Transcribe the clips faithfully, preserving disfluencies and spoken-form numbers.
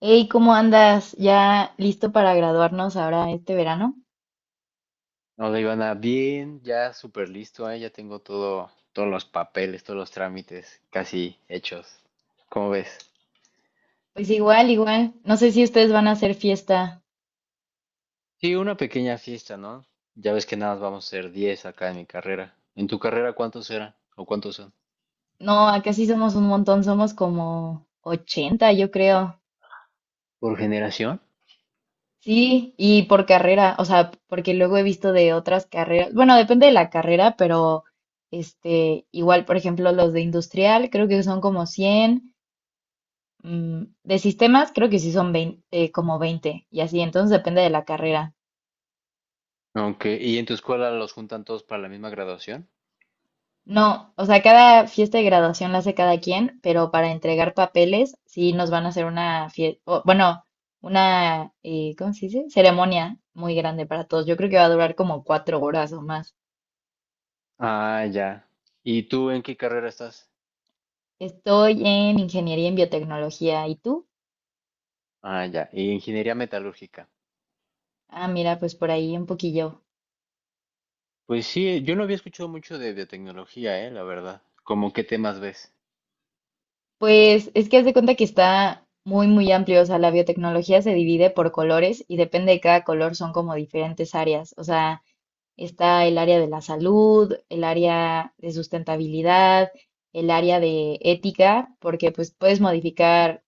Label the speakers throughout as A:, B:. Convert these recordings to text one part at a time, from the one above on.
A: Hey, ¿cómo andas? ¿Ya listo para graduarnos ahora este verano?
B: No, le iban a bien, ya súper listo, ¿eh? Ya tengo todo, todos los papeles, todos los trámites casi hechos. ¿Cómo ves?
A: Pues igual, igual. No sé si ustedes van a hacer fiesta.
B: Sí, una pequeña fiesta, ¿no? Ya ves que nada más vamos a ser diez acá en mi carrera. ¿En tu carrera cuántos eran o cuántos son?
A: No, acá sí somos un montón, somos como ochenta, yo creo.
B: ¿Por generación?
A: Sí, y por carrera, o sea, porque luego he visto de otras carreras. Bueno, depende de la carrera, pero este, igual, por ejemplo, los de industrial, creo que son como cien. mm, De sistemas, creo que sí son veinte, eh, como veinte, y así, entonces depende de la carrera.
B: Aunque, ¿y en tu escuela los juntan todos para la misma graduación?
A: No, o sea, cada fiesta de graduación la hace cada quien, pero para entregar papeles sí nos van a hacer una fiesta, bueno, una, eh, ¿cómo se dice? Ceremonia muy grande para todos. Yo creo que va a durar como cuatro horas o más.
B: Ah, ya. ¿Y tú en qué carrera estás?
A: Estoy en ingeniería en biotecnología. ¿Y tú?
B: Ah, ya. ¿Y ingeniería metalúrgica?
A: Ah, mira, pues por ahí un poquillo.
B: Pues sí, yo no había escuchado mucho de biotecnología, ¿eh? La verdad. ¿Cómo qué temas ves?
A: Pues es que haz de cuenta que está muy, muy amplio. O sea, la biotecnología se divide por colores y depende de cada color son como diferentes áreas. O sea, está el área de la salud, el área de sustentabilidad, el área de ética, porque pues puedes modificar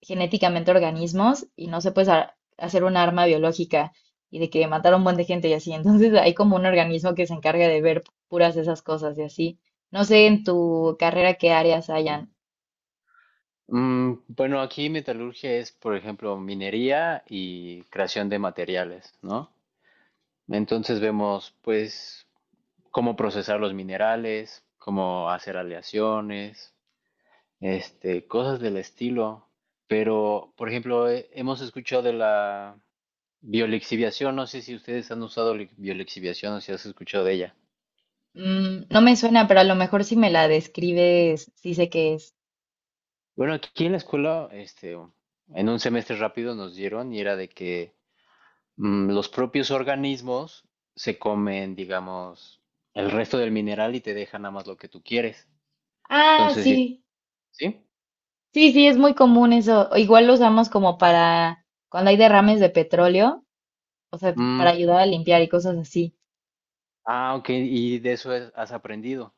A: genéticamente organismos y no se puede ha- hacer un arma biológica y de que matar a un buen de gente y así. Entonces hay como un organismo que se encarga de ver puras esas cosas y así. No sé en tu carrera qué áreas hayan.
B: Mm, bueno, aquí metalurgia es, por ejemplo, minería y creación de materiales, ¿no? Entonces vemos, pues, cómo procesar los minerales, cómo hacer aleaciones, este, cosas del estilo. Pero, por ejemplo, he- hemos escuchado de la biolixiviación, no sé si ustedes han usado li- biolixiviación o si has escuchado de ella.
A: Mm, no me suena, pero a lo mejor si me la describes, sí sé qué es.
B: Bueno, aquí en la escuela, este, en un semestre rápido nos dieron y era de que mm, los propios organismos se comen, digamos, el resto del mineral y te dejan nada más lo que tú quieres.
A: Ah,
B: Entonces, sí.
A: sí.
B: ¿Sí?
A: Sí, sí, es muy común eso. Igual lo usamos como para cuando hay derrames de petróleo, o sea,
B: Mm.
A: para ayudar a limpiar y cosas así.
B: ah, ok, y de eso es- has aprendido.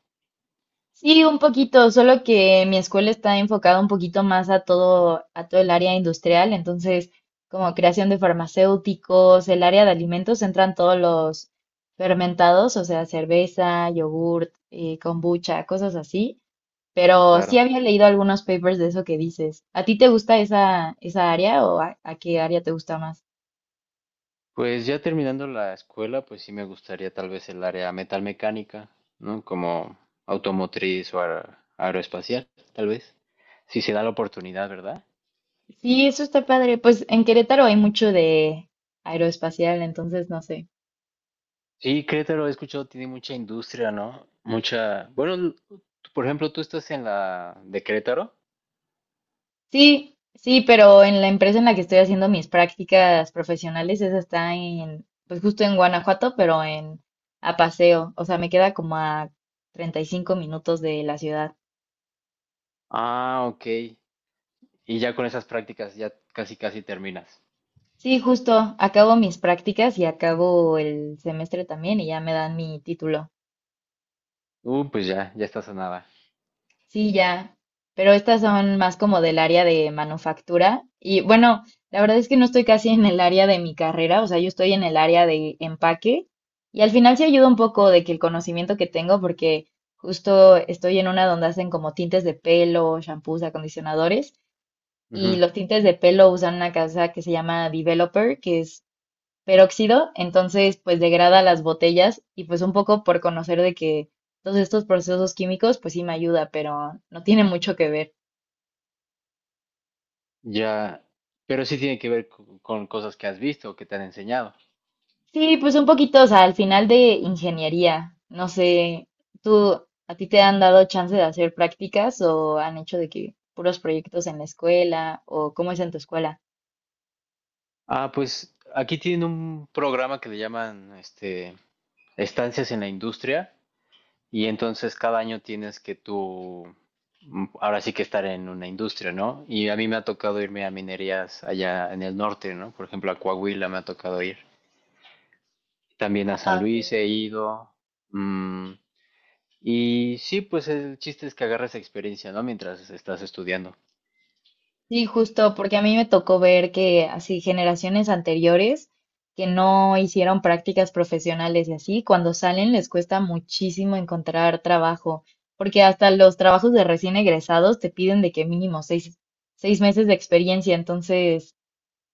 A: Sí, un poquito, solo que mi escuela está enfocada un poquito más a todo, a todo el área industrial, entonces como creación de farmacéuticos, el área de alimentos entran todos los fermentados, o sea, cerveza, yogurt, eh, kombucha, cosas así. Pero sí
B: Claro.
A: había leído algunos papers de eso que dices. ¿A ti te gusta esa, esa área o a a qué área te gusta más?
B: Pues ya terminando la escuela, pues sí me gustaría tal vez el área metalmecánica, ¿no? Como automotriz o aer- aeroespacial, tal vez. Si se da la oportunidad, ¿verdad?
A: Sí, eso está padre. Pues en Querétaro hay mucho de aeroespacial, entonces no sé.
B: Sí, Querétaro, he escuchado, tiene mucha industria, ¿no? Mucha. Bueno, l- por ejemplo, tú estás en la de Querétaro.
A: Sí, sí, pero en la empresa en la que estoy haciendo mis prácticas profesionales, esa está en, pues justo en Guanajuato, pero en a paseo. O sea, me queda como a treinta y cinco minutos de la ciudad.
B: Ah, ok. Y ya con esas prácticas ya casi casi terminas.
A: Sí, justo, acabo mis prácticas y acabo el semestre también y ya me dan mi título.
B: Uh, pues ya, ya estás a nada.
A: Sí, ya, pero estas son más como del área de manufactura. Y bueno, la verdad es que no estoy casi en el área de mi carrera, o sea, yo estoy en el área de empaque. Y al final sí ayuda un poco de que el conocimiento que tengo, porque justo estoy en una donde hacen como tintes de pelo, shampoos, acondicionadores. Y
B: Ujú.
A: los tintes de pelo usan una casa que se llama Developer, que es peróxido, entonces pues degrada las botellas y pues un poco por conocer de que todos estos procesos químicos pues sí me ayuda, pero no tiene mucho que ver.
B: Ya, pero sí tiene que ver co- con cosas que has visto o que te han enseñado.
A: Sí, pues un poquito, o sea, al final de ingeniería, no sé, ¿tú a ti te han dado chance de hacer prácticas o han hecho de que puros proyectos en la escuela o cómo es en tu escuela?
B: Ah, pues aquí tienen un programa que le llaman este estancias en la industria y entonces cada año tienes que tú, mm, ahora sí que estar en una industria, ¿no? Y a mí me ha tocado irme a minerías allá en el norte, ¿no? Por ejemplo, a Coahuila me ha tocado ir. También a
A: Ah,
B: San
A: ok.
B: Luis he ido. mm, Y sí, pues el chiste es que agarres experiencia, ¿no? Mientras estás estudiando.
A: Sí, justo, porque a mí me tocó ver que así generaciones anteriores que no hicieron prácticas profesionales y así, cuando salen les cuesta muchísimo encontrar trabajo, porque hasta los trabajos de recién egresados te piden de que mínimo seis, seis meses de experiencia, entonces,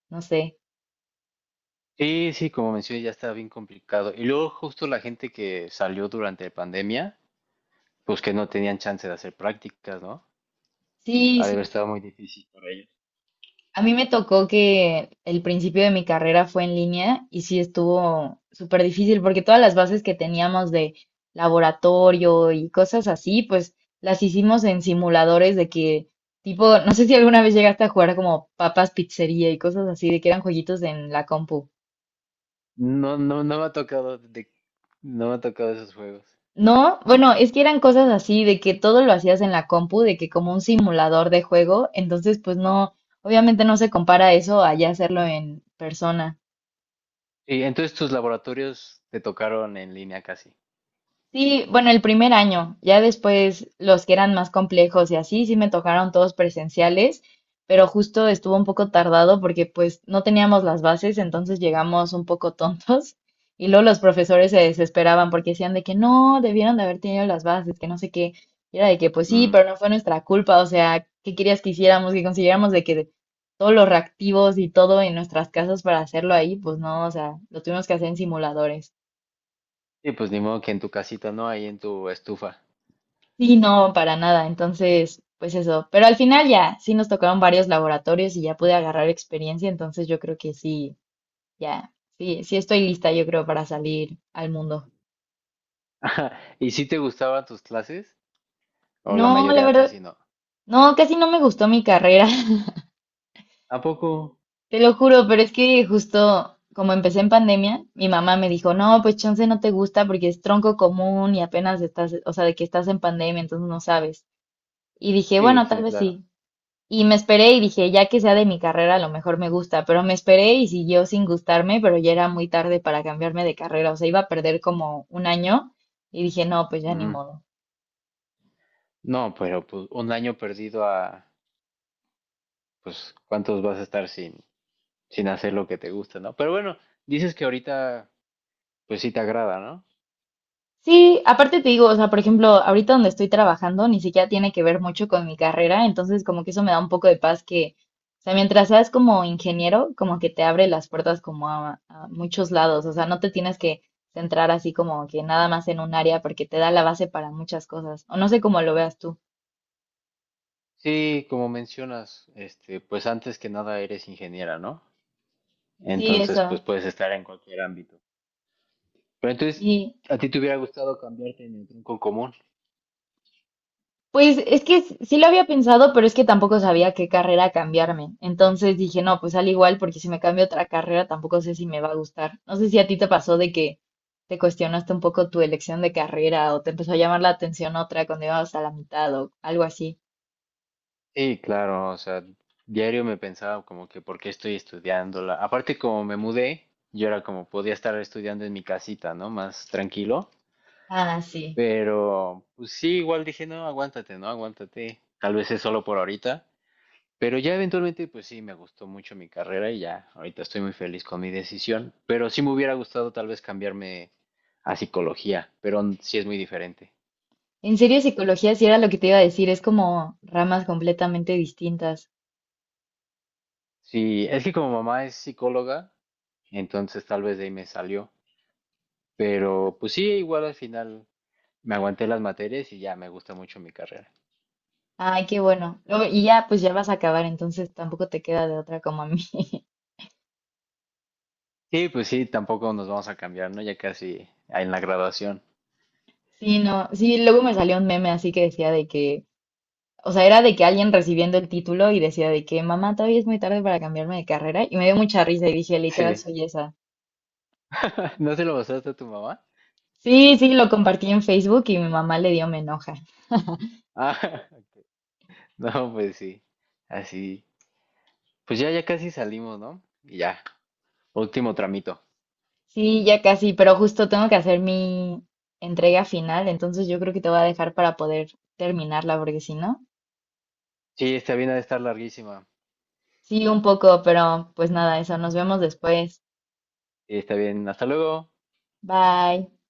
A: no sé.
B: Sí, sí, como mencioné, ya está bien complicado. Y luego justo la gente que salió durante la pandemia, pues que no tenían chance de hacer prácticas, ¿no?
A: Sí,
B: Ha de haber estado muy difícil para ellos.
A: A mí me tocó que el principio de mi carrera fue en línea y sí estuvo súper difícil porque todas las bases que teníamos de laboratorio y cosas así, pues las hicimos en simuladores de que tipo, no sé si alguna vez llegaste a jugar como papas pizzería y cosas así, de que eran jueguitos en la compu.
B: No, no, no me ha tocado de, no me ha tocado esos juegos.
A: No, bueno, es que eran cosas así de que todo lo hacías en la compu, de que como un simulador de juego, entonces pues no, obviamente no se compara eso a ya hacerlo en persona.
B: Y entonces tus laboratorios te tocaron en línea casi.
A: Sí, bueno, el primer año, ya después los que eran más complejos y así, sí me tocaron todos presenciales, pero justo estuvo un poco tardado porque pues no teníamos las bases, entonces llegamos un poco tontos y luego los profesores se desesperaban porque decían de que no, debieron de haber tenido las bases, que no sé qué, y era de que pues sí,
B: Mm.
A: pero no fue nuestra culpa, o sea, ¿qué querías que hiciéramos? Que consiguiéramos de que todos los reactivos y todo en nuestras casas para hacerlo ahí, pues no, o sea, lo tuvimos que hacer en simuladores.
B: Sí, pues ni modo que en tu casita, ¿no? Ahí en tu estufa.
A: Sí, no, para nada. Entonces, pues eso. Pero al final ya, sí nos tocaron varios laboratorios y ya pude agarrar experiencia. Entonces yo creo que sí, ya, sí, sí estoy lista, yo creo, para salir al mundo.
B: ¿Y si te gustaban tus clases? O la
A: No, la
B: mayoría
A: verdad,
B: casi no.
A: no, casi no me gustó mi carrera.
B: ¿A poco?
A: Te lo juro, pero es que justo como empecé en pandemia, mi mamá me dijo, no, pues chance no te gusta porque es tronco común y apenas estás, o sea, de que estás en pandemia, entonces no sabes. Y dije,
B: Sí,
A: bueno, tal
B: sí,
A: vez
B: claro.
A: sí. Y me esperé y dije, ya que sea de mi carrera, a lo mejor me gusta, pero me esperé y siguió sin gustarme, pero ya era muy tarde para cambiarme de carrera, o sea, iba a perder como un año y dije, no, pues ya ni
B: Ujú.
A: modo.
B: No, pero pues un año perdido a, pues, ¿cuántos vas a estar sin, sin hacer lo que te gusta, ¿no? Pero bueno, dices que ahorita, pues sí te agrada, ¿no?
A: Sí, aparte te digo, o sea, por ejemplo, ahorita donde estoy trabajando ni siquiera tiene que ver mucho con mi carrera, entonces como que eso me da un poco de paz que, o sea, mientras seas como ingeniero, como que te abre las puertas como a, a muchos lados, o sea, no te tienes que centrar así como que nada más en un área porque te da la base para muchas cosas, o no sé cómo lo veas tú.
B: Sí, como mencionas, este, pues antes que nada eres ingeniera, ¿no?
A: Sí,
B: Entonces, pues
A: eso,
B: puedes estar en cualquier ámbito. Pero entonces,
A: sí.
B: ¿a ti te hubiera gustado cambiarte en el tronco común?
A: Pues es que s- sí lo había pensado, pero es que tampoco sabía qué carrera cambiarme. Entonces dije, no, pues al igual, porque si me cambio a otra carrera tampoco sé si me va a gustar. No sé si a ti te pasó de que te cuestionaste un poco tu elección de carrera o te empezó a llamar la atención otra cuando ibas a la mitad o algo así.
B: Sí, claro, o sea, diario me pensaba como que por qué estoy estudiándola. Aparte, como me mudé, yo era como podía estar estudiando en mi casita, ¿no? Más tranquilo.
A: Ah, sí.
B: Pero, pues sí, igual dije, no, aguántate, no, aguántate. Tal vez es solo por ahorita. Pero ya eventualmente, pues sí, me gustó mucho mi carrera y ya, ahorita estoy muy feliz con mi decisión. Pero sí me hubiera gustado tal vez cambiarme a psicología, pero n- sí es muy diferente.
A: En serio, psicología sí era lo que te iba a decir, es como ramas completamente distintas.
B: Sí, es que como mamá es psicóloga, entonces tal vez de ahí me salió. Pero pues sí, igual al final me aguanté las materias y ya me gusta mucho mi carrera.
A: Ay, qué bueno. Luego- Y ya, pues ya vas a acabar, entonces tampoco te queda de otra como a mí.
B: Y pues sí, tampoco nos vamos a cambiar, ¿no? Ya casi en la graduación.
A: Sí, no, sí, luego me salió un meme así que decía de que, o sea, era de que alguien recibiendo el título y decía de que, mamá, todavía es muy tarde para cambiarme de carrera y me dio mucha risa y dije, literal,
B: Sí.
A: soy esa.
B: ¿No se lo pasaste a tu mamá?
A: Sí, sí, lo compartí en Facebook y mi mamá le dio me enoja.
B: Ah, no, pues sí. Así. Pues ya, ya casi salimos, ¿no? Y ya, último tramito.
A: Sí, ya casi, pero justo tengo que hacer mi entrega final, entonces yo creo que te voy a dejar para poder terminarla, porque si no,
B: Sí, está bien, ha de estar larguísima.
A: sí, un poco, pero pues nada, eso, nos vemos después.
B: Sí, está bien, hasta luego.
A: Bye.